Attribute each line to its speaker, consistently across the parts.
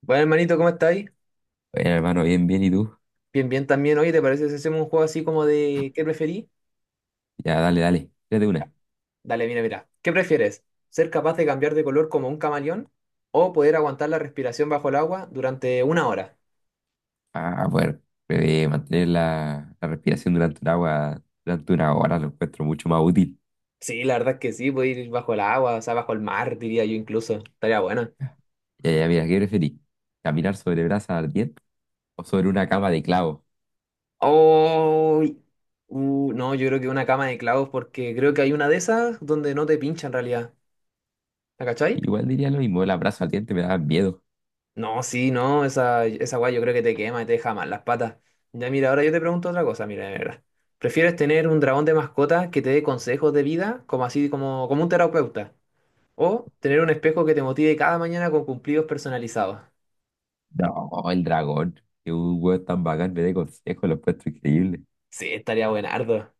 Speaker 1: Bueno, hermanito, ¿cómo estáis?
Speaker 2: Bueno, hermano, bien, bien, ¿y tú?
Speaker 1: Bien, bien también. Oye, ¿te parece si hacemos un juego así como de qué preferí?
Speaker 2: Ya, dale, dale, tírate una.
Speaker 1: Dale, mira, mira. ¿Qué prefieres? ¿Ser capaz de cambiar de color como un camaleón o poder aguantar la respiración bajo el agua durante una hora?
Speaker 2: Ah, bueno mantener la respiración durante un agua, durante una hora lo encuentro mucho más útil.
Speaker 1: Sí, la verdad es que sí, puedo ir bajo el agua, o sea, bajo el mar, diría yo incluso. Estaría bueno.
Speaker 2: Ya, mira, ¿qué preferís? ¿Caminar sobre brasa ardiente o sobre una cama de clavo?
Speaker 1: Oh, no, yo creo que una cama de clavos porque creo que hay una de esas donde no te pincha en realidad. ¿La cachai?
Speaker 2: Igual diría lo mismo, las brasa ardiente me daban miedo.
Speaker 1: No, sí, no, esa guay yo creo que te quema y te deja mal las patas. Ya mira, ahora yo te pregunto otra cosa, mira, de verdad. ¿Prefieres tener un dragón de mascota que te dé consejos de vida, como así, como un terapeuta? ¿O tener un espejo que te motive cada mañana con cumplidos personalizados?
Speaker 2: No, el dragón, que un huevo tan bacán me dé consejos, lo encuentro increíble.
Speaker 1: Sí, estaría buenardo.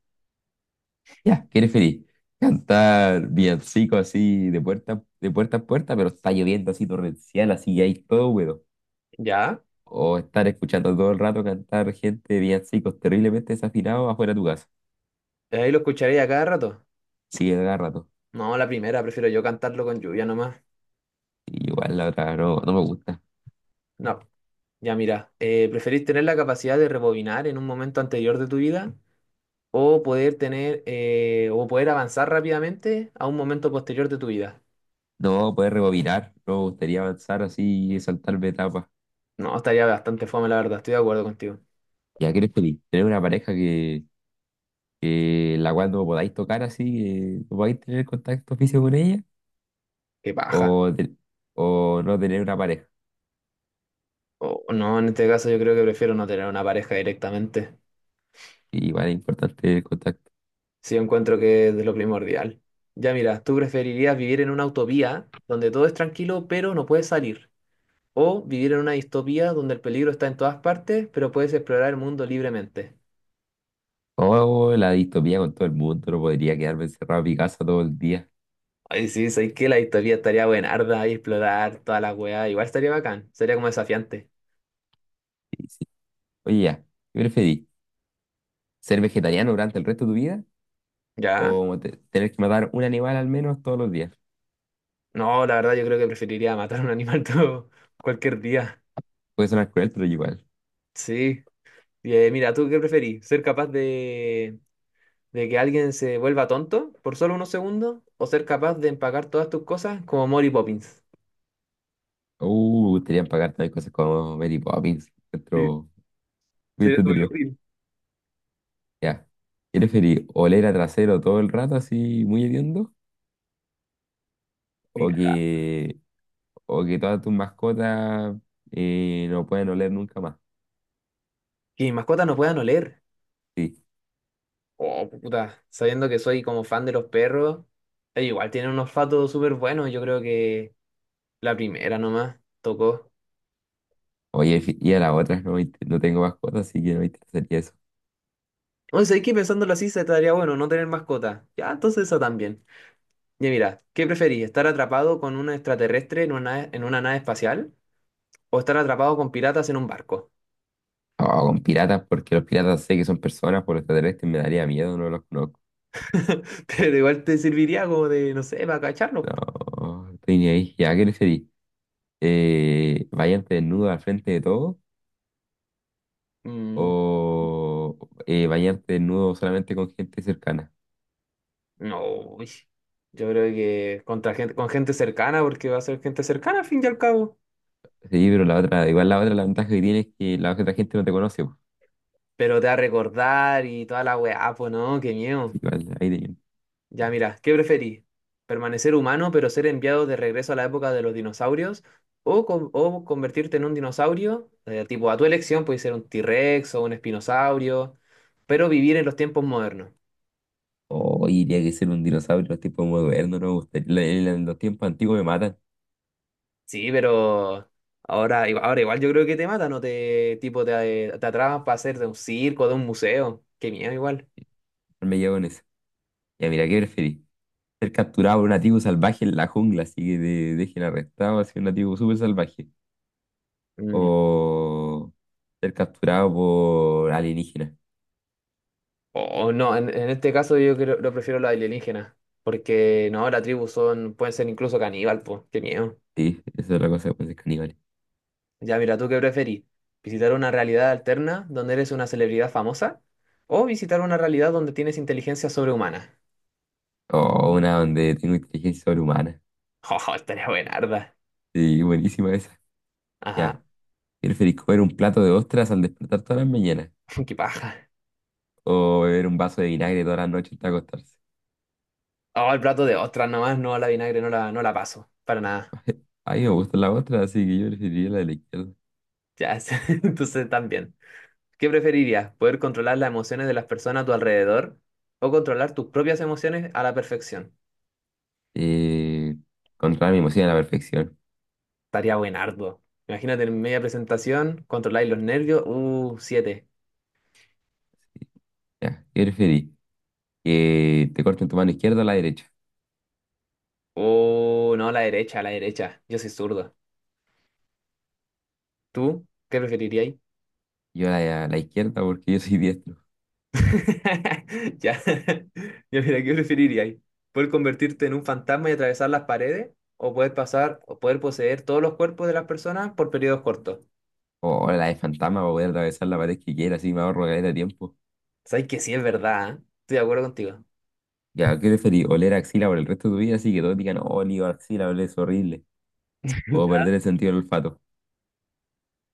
Speaker 2: Ya, ¿qué preferís? Cantar villancico así de puerta a puerta, pero está lloviendo así torrencial, así y hay todo húmedo.
Speaker 1: ¿Ya?
Speaker 2: O estar escuchando todo el rato cantar gente de villancicos terriblemente desafinados afuera de tu casa.
Speaker 1: Ahí lo escucharé a cada rato.
Speaker 2: Sí, a cada rato.
Speaker 1: No, la primera, prefiero yo cantarlo con lluvia nomás.
Speaker 2: Y igual la otra no, no me gusta.
Speaker 1: No, ya mira, ¿preferís tener la capacidad de rebobinar en un momento anterior de tu vida o poder avanzar rápidamente a un momento posterior de tu vida.
Speaker 2: No poder rebobinar, no me gustaría avanzar así y saltarme etapas.
Speaker 1: No, estaría bastante fome, la verdad, estoy de acuerdo contigo.
Speaker 2: ¿Ya quieres feliz? Tener una pareja que la cual no podáis tocar así, que no podáis tener contacto físico con ella,
Speaker 1: Qué paja.
Speaker 2: o, o no tener una pareja.
Speaker 1: O no, en este caso yo creo que prefiero no tener una pareja directamente,
Speaker 2: Igual es importante el contacto.
Speaker 1: si yo encuentro que es de lo primordial. Ya mira, ¿tú preferirías vivir en una utopía donde todo es tranquilo pero no puedes salir? ¿O vivir en una distopía donde el peligro está en todas partes pero puedes explorar el mundo libremente?
Speaker 2: O la distopía con todo el mundo, no podría quedarme encerrado en mi casa todo el día.
Speaker 1: Ay, sí, sabes que la distopía estaría buenarda y explorar toda la weá, igual estaría bacán, sería como desafiante.
Speaker 2: Sí, sí. Oye, ya, ¿qué preferís? ¿Ser vegetariano durante el resto de tu vida?
Speaker 1: ¿Ya?
Speaker 2: ¿O tener que matar un animal al menos todos los días?
Speaker 1: No, la verdad yo creo que preferiría matar a un animal todo cualquier día.
Speaker 2: Puede sonar cruel, pero igual.
Speaker 1: Sí. Y, mira, ¿tú qué preferís? ¿Ser capaz de que alguien se vuelva tonto por solo unos segundos? ¿O ser capaz de empacar todas tus cosas como Mary Poppins?
Speaker 2: Gustaría pagar también cosas como Mary Poppins.
Speaker 1: Sí,
Speaker 2: Otro muy
Speaker 1: sería súper
Speaker 2: entretenido.
Speaker 1: útil.
Speaker 2: Ya. ¿Qué preferís? ¿Oler a trasero todo el rato así muy hediondo?
Speaker 1: Mi
Speaker 2: ¿O
Speaker 1: cagada.
Speaker 2: que, o que todas tus mascotas no pueden oler nunca más?
Speaker 1: Que mis mascotas no puedan oler.
Speaker 2: Sí.
Speaker 1: Oh, puta. Sabiendo que soy como fan de los perros, ellos igual tienen un olfato súper bueno. Yo creo que la primera nomás tocó.
Speaker 2: Oye, y a las otras no, me no tengo mascotas, así que no me interesaría eso.
Speaker 1: Oye, ¿sabes qué? Pensándolo así, se estaría bueno no tener mascota. Ya, entonces eso también. Y mira, ¿qué preferís? ¿Estar atrapado con un extraterrestre en una nave espacial o estar atrapado con piratas en un barco?
Speaker 2: O con piratas, porque los piratas sé que son personas, por los extraterrestres me daría miedo, no los conozco.
Speaker 1: Pero igual te serviría como de, no sé, para cacharlos. Po.
Speaker 2: No, estoy ni ahí. Ya, ¿qué preferís? ¿Bañarte desnudo al frente de todo
Speaker 1: Mm,
Speaker 2: o bañarte desnudo solamente con gente cercana?
Speaker 1: no, uy. Yo creo que contra gente, con gente cercana, porque va a ser gente cercana al fin y al cabo.
Speaker 2: Sí, pero la otra, igual la otra, la ventaja que tiene es que la otra gente no te conoce, po.
Speaker 1: Pero te va a recordar y toda la weá, pues no, qué miedo.
Speaker 2: Igual, ahí tenía.
Speaker 1: Ya, mira, ¿qué preferís? ¿Permanecer humano pero ser enviado de regreso a la época de los dinosaurios? ¿O, o convertirte en un dinosaurio? Eh, tipo, a tu elección, puede ser un T-Rex o un espinosaurio, pero vivir en los tiempos modernos.
Speaker 2: Oh, diría que ser un dinosaurio en los tiempos modernos, no me gustaría. En en los tiempos antiguos me matan,
Speaker 1: Sí, pero ahora, ahora igual yo creo que te matan o te, tipo, te atrapan para hacer de un circo, de un museo. Qué miedo igual.
Speaker 2: no me llevo con eso. Ya, mira, ¿qué preferís? Ser capturado por un nativo salvaje en la jungla, así que te dejen arrestado, así un nativo súper salvaje,
Speaker 1: Mm.
Speaker 2: o ser capturado por alienígenas.
Speaker 1: O no, en este caso yo creo, lo prefiero la alienígena, porque no, la tribu son, pueden ser incluso caníbal, pues, qué miedo.
Speaker 2: Sí, eso es la cosa con ser caníbales.
Speaker 1: Ya mira, ¿tú qué preferís? ¿Visitar una realidad alterna donde eres una celebridad famosa? ¿O visitar una realidad donde tienes inteligencia sobrehumana?
Speaker 2: O una donde tengo inteligencia sobrehumana.
Speaker 1: ¡Oh, estaría buenarda!
Speaker 2: Sí, buenísima esa. Ya.
Speaker 1: Ajá,
Speaker 2: ¿Preferís comer un plato de ostras al despertar todas las mañanas?
Speaker 1: qué paja.
Speaker 2: ¿O beber un vaso de vinagre todas las noches hasta acostarse?
Speaker 1: Oh, el plato de ostras nomás, no la vinagre, no la, no la paso. Para nada.
Speaker 2: A mí me gustan las ostras, así que yo preferiría la de la izquierda.
Speaker 1: Ya, sí, entonces también. ¿Qué preferirías? ¿Poder controlar las emociones de las personas a tu alrededor? ¿O controlar tus propias emociones a la perfección?
Speaker 2: Eh, controlar mi emoción a la perfección.
Speaker 1: Estaría buenardo. Imagínate en media presentación, controláis los nervios. Siete.
Speaker 2: Ya. ¿Qué preferís? ¿Que te corten tu mano izquierda o la derecha?
Speaker 1: Oh, no, la derecha, la derecha. Yo soy zurdo. ¿Tú qué preferirías?
Speaker 2: Yo la, la izquierda porque yo soy diestro.
Speaker 1: Ya. Ya, mira, ¿qué preferirías? ¿Poder convertirte en un fantasma y atravesar las paredes? ¿O poder pasar o poder poseer todos los cuerpos de las personas por periodos cortos?
Speaker 2: O la de fantasma para poder atravesar la pared que quiera, así me ahorro caleta de tiempo.
Speaker 1: Sabes que sí es verdad, ¿eh? Estoy de acuerdo contigo.
Speaker 2: Ya, ¿qué preferís? ¿Oler axila por el resto de tu vida? Así que todos digan, oh, olí axila, huele es horrible. O perder el sentido del olfato.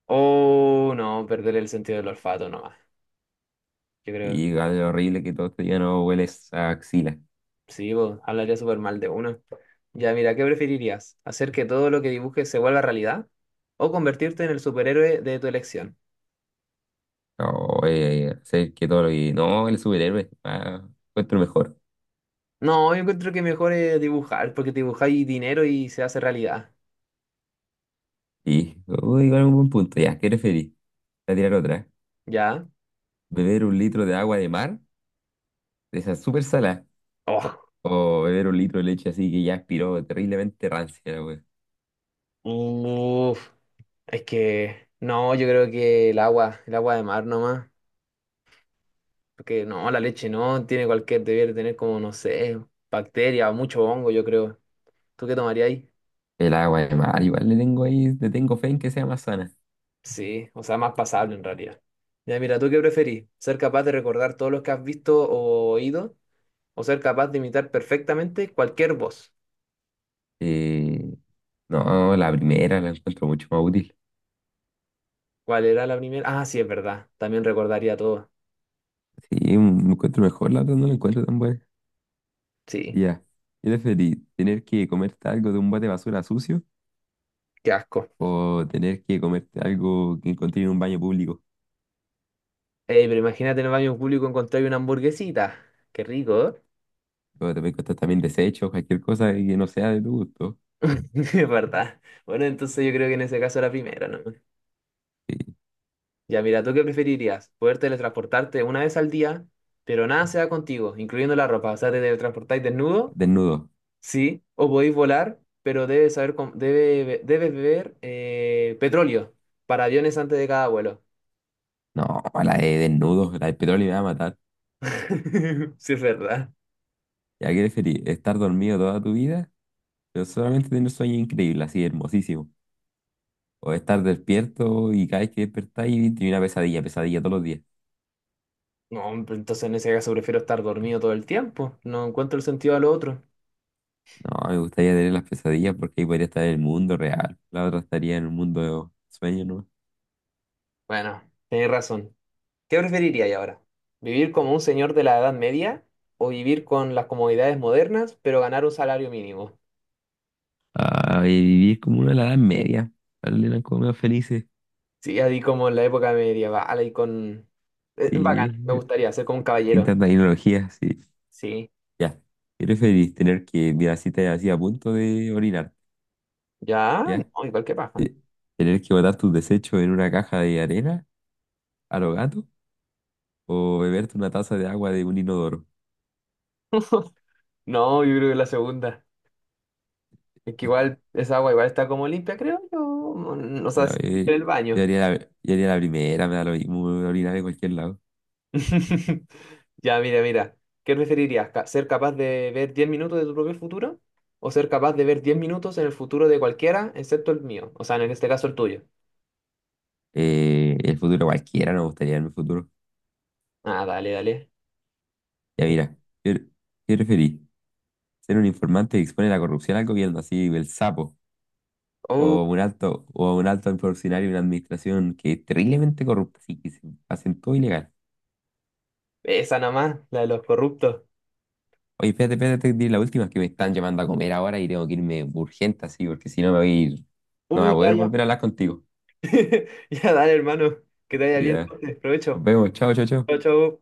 Speaker 1: Oh, no, perder el sentido del olfato nomás. Yo creo,
Speaker 2: Y algo horrible que todos te digan, no, hueles a axila.
Speaker 1: sí, vos, hablaría súper mal de uno. Ya, mira, ¿qué preferirías? ¿Hacer que todo lo que dibujes se vuelva realidad? ¿O convertirte en el superhéroe de tu elección?
Speaker 2: O hacer que todo lo que no, el superhéroe. Ah, encuentro mejor.
Speaker 1: No, yo encuentro que mejor es dibujar, porque dibujáis dinero y se hace realidad.
Speaker 2: Y, uy, igual un buen punto. Ya, ¿qué preferís? Voy a tirar otra.
Speaker 1: ¿Ya?
Speaker 2: ¿Beber un litro de agua de mar? De esa súper salada.
Speaker 1: Oh,
Speaker 2: O beber un litro de leche así que ya aspiró terriblemente rancia.
Speaker 1: uf, es que no, yo creo que el agua de mar nomás. Porque no, la leche no, tiene cualquier, debiera tener como, no sé, bacteria, mucho hongo, yo creo. ¿Tú qué tomarías ahí?
Speaker 2: El agua de mar, igual le tengo ahí, le tengo fe en que sea más sana.
Speaker 1: Sí, o sea, más pasable en realidad. Ya, mira, ¿tú qué preferís? ¿Ser capaz de recordar todos los que has visto o oído? ¿O ser capaz de imitar perfectamente cualquier voz?
Speaker 2: Eh, no, la primera la encuentro mucho más útil.
Speaker 1: ¿Cuál era la primera? Ah, sí, es verdad. También recordaría todo.
Speaker 2: Sí, me encuentro mejor, la otra no la encuentro tan buena.
Speaker 1: Sí.
Speaker 2: Ya, ¿qué preferís? ¿Tener que comerte algo de un bote de basura sucio
Speaker 1: Qué asco.
Speaker 2: o tener que comerte algo que encontré en un baño público?
Speaker 1: Ey, pero imagínate en el baño público encontrar una hamburguesita. Qué rico, ¿eh?
Speaker 2: O te puede costar también desechos, cualquier cosa que no sea de tu gusto.
Speaker 1: Es verdad. Bueno, entonces yo creo que en ese caso era primero, ¿no?
Speaker 2: Sí,
Speaker 1: Ya, mira, ¿tú qué preferirías? Poder teletransportarte una vez al día, pero nada se da contigo, incluyendo la ropa. O sea, te teletransportáis desnudo,
Speaker 2: desnudo.
Speaker 1: sí. O podéis volar, pero debes saber, debes beber petróleo para aviones antes de cada vuelo.
Speaker 2: No, la de desnudo, la de petróleo me va a matar.
Speaker 1: Sí, es verdad.
Speaker 2: ¿Ya qué preferís? ¿Estar dormido toda tu vida, pero solamente tener sueño increíble, así hermosísimo? O estar despierto y cada vez que despertáis tiene una pesadilla, pesadilla todos los días.
Speaker 1: No, pero entonces en ese caso prefiero estar dormido todo el tiempo. No encuentro el sentido a lo otro.
Speaker 2: No, me gustaría tener las pesadillas porque ahí podría estar en el mundo real. La otra estaría en el mundo de sueños, ¿no?
Speaker 1: Bueno, tenés razón. ¿Qué preferiríais ahora? ¿Vivir como un señor de la Edad Media o vivir con las comodidades modernas, pero ganar un salario mínimo?
Speaker 2: Ah, y vivir como una de la Edad Media. Dale, eran como más felices.
Speaker 1: Sí, así como en la época medieval, ahí con... bacán,
Speaker 2: Sí,
Speaker 1: me gustaría ser como un
Speaker 2: sin
Speaker 1: caballero.
Speaker 2: tanta tecnología, sí.
Speaker 1: Sí,
Speaker 2: Ya. ¿Qué preferís? Tener que, mira, si te así a punto de orinar,
Speaker 1: ya,
Speaker 2: ¿ya?
Speaker 1: no, igual que paja.
Speaker 2: Tener que botar tus desechos en una caja de arena a los gatos o beberte una taza de agua de un inodoro.
Speaker 1: No, yo creo que la segunda. Es que igual esa agua igual está como limpia, creo yo. O
Speaker 2: Yo,
Speaker 1: sea, sí,
Speaker 2: yo-
Speaker 1: en el
Speaker 2: yo
Speaker 1: baño.
Speaker 2: haría la, yo haría la primera, me da lo mismo, me voy a orinar en cualquier lado.
Speaker 1: Ya, mira, mira. ¿Qué preferirías? ¿Ser capaz de ver 10 minutos de tu propio futuro? ¿O ser capaz de ver 10 minutos en el futuro de cualquiera, excepto el mío? O sea, en este caso el tuyo.
Speaker 2: El futuro cualquiera, no me gustaría en el futuro.
Speaker 1: Ah, dale, dale.
Speaker 2: Ya
Speaker 1: Eh,
Speaker 2: mira, ¿qué, ¿qué preferís? ¿Ser un informante que expone la corrupción al gobierno, así el sapo?
Speaker 1: Uh,
Speaker 2: O un alto funcionario de una administración que es terriblemente corrupta, así que se hacen todo ilegal?
Speaker 1: esa nada más, la de los corruptos.
Speaker 2: Oye, espérate, espérate, te diré la última, que me están llamando a comer ahora y tengo que irme urgente así, porque si no me voy a ir, no voy a
Speaker 1: Ya,
Speaker 2: poder
Speaker 1: ya.
Speaker 2: volver a hablar contigo.
Speaker 1: Ya, dale, hermano. Que te vaya bien.
Speaker 2: Ya, nos
Speaker 1: Provecho.
Speaker 2: vemos, chao, chao,
Speaker 1: Chau,
Speaker 2: chao.
Speaker 1: chau.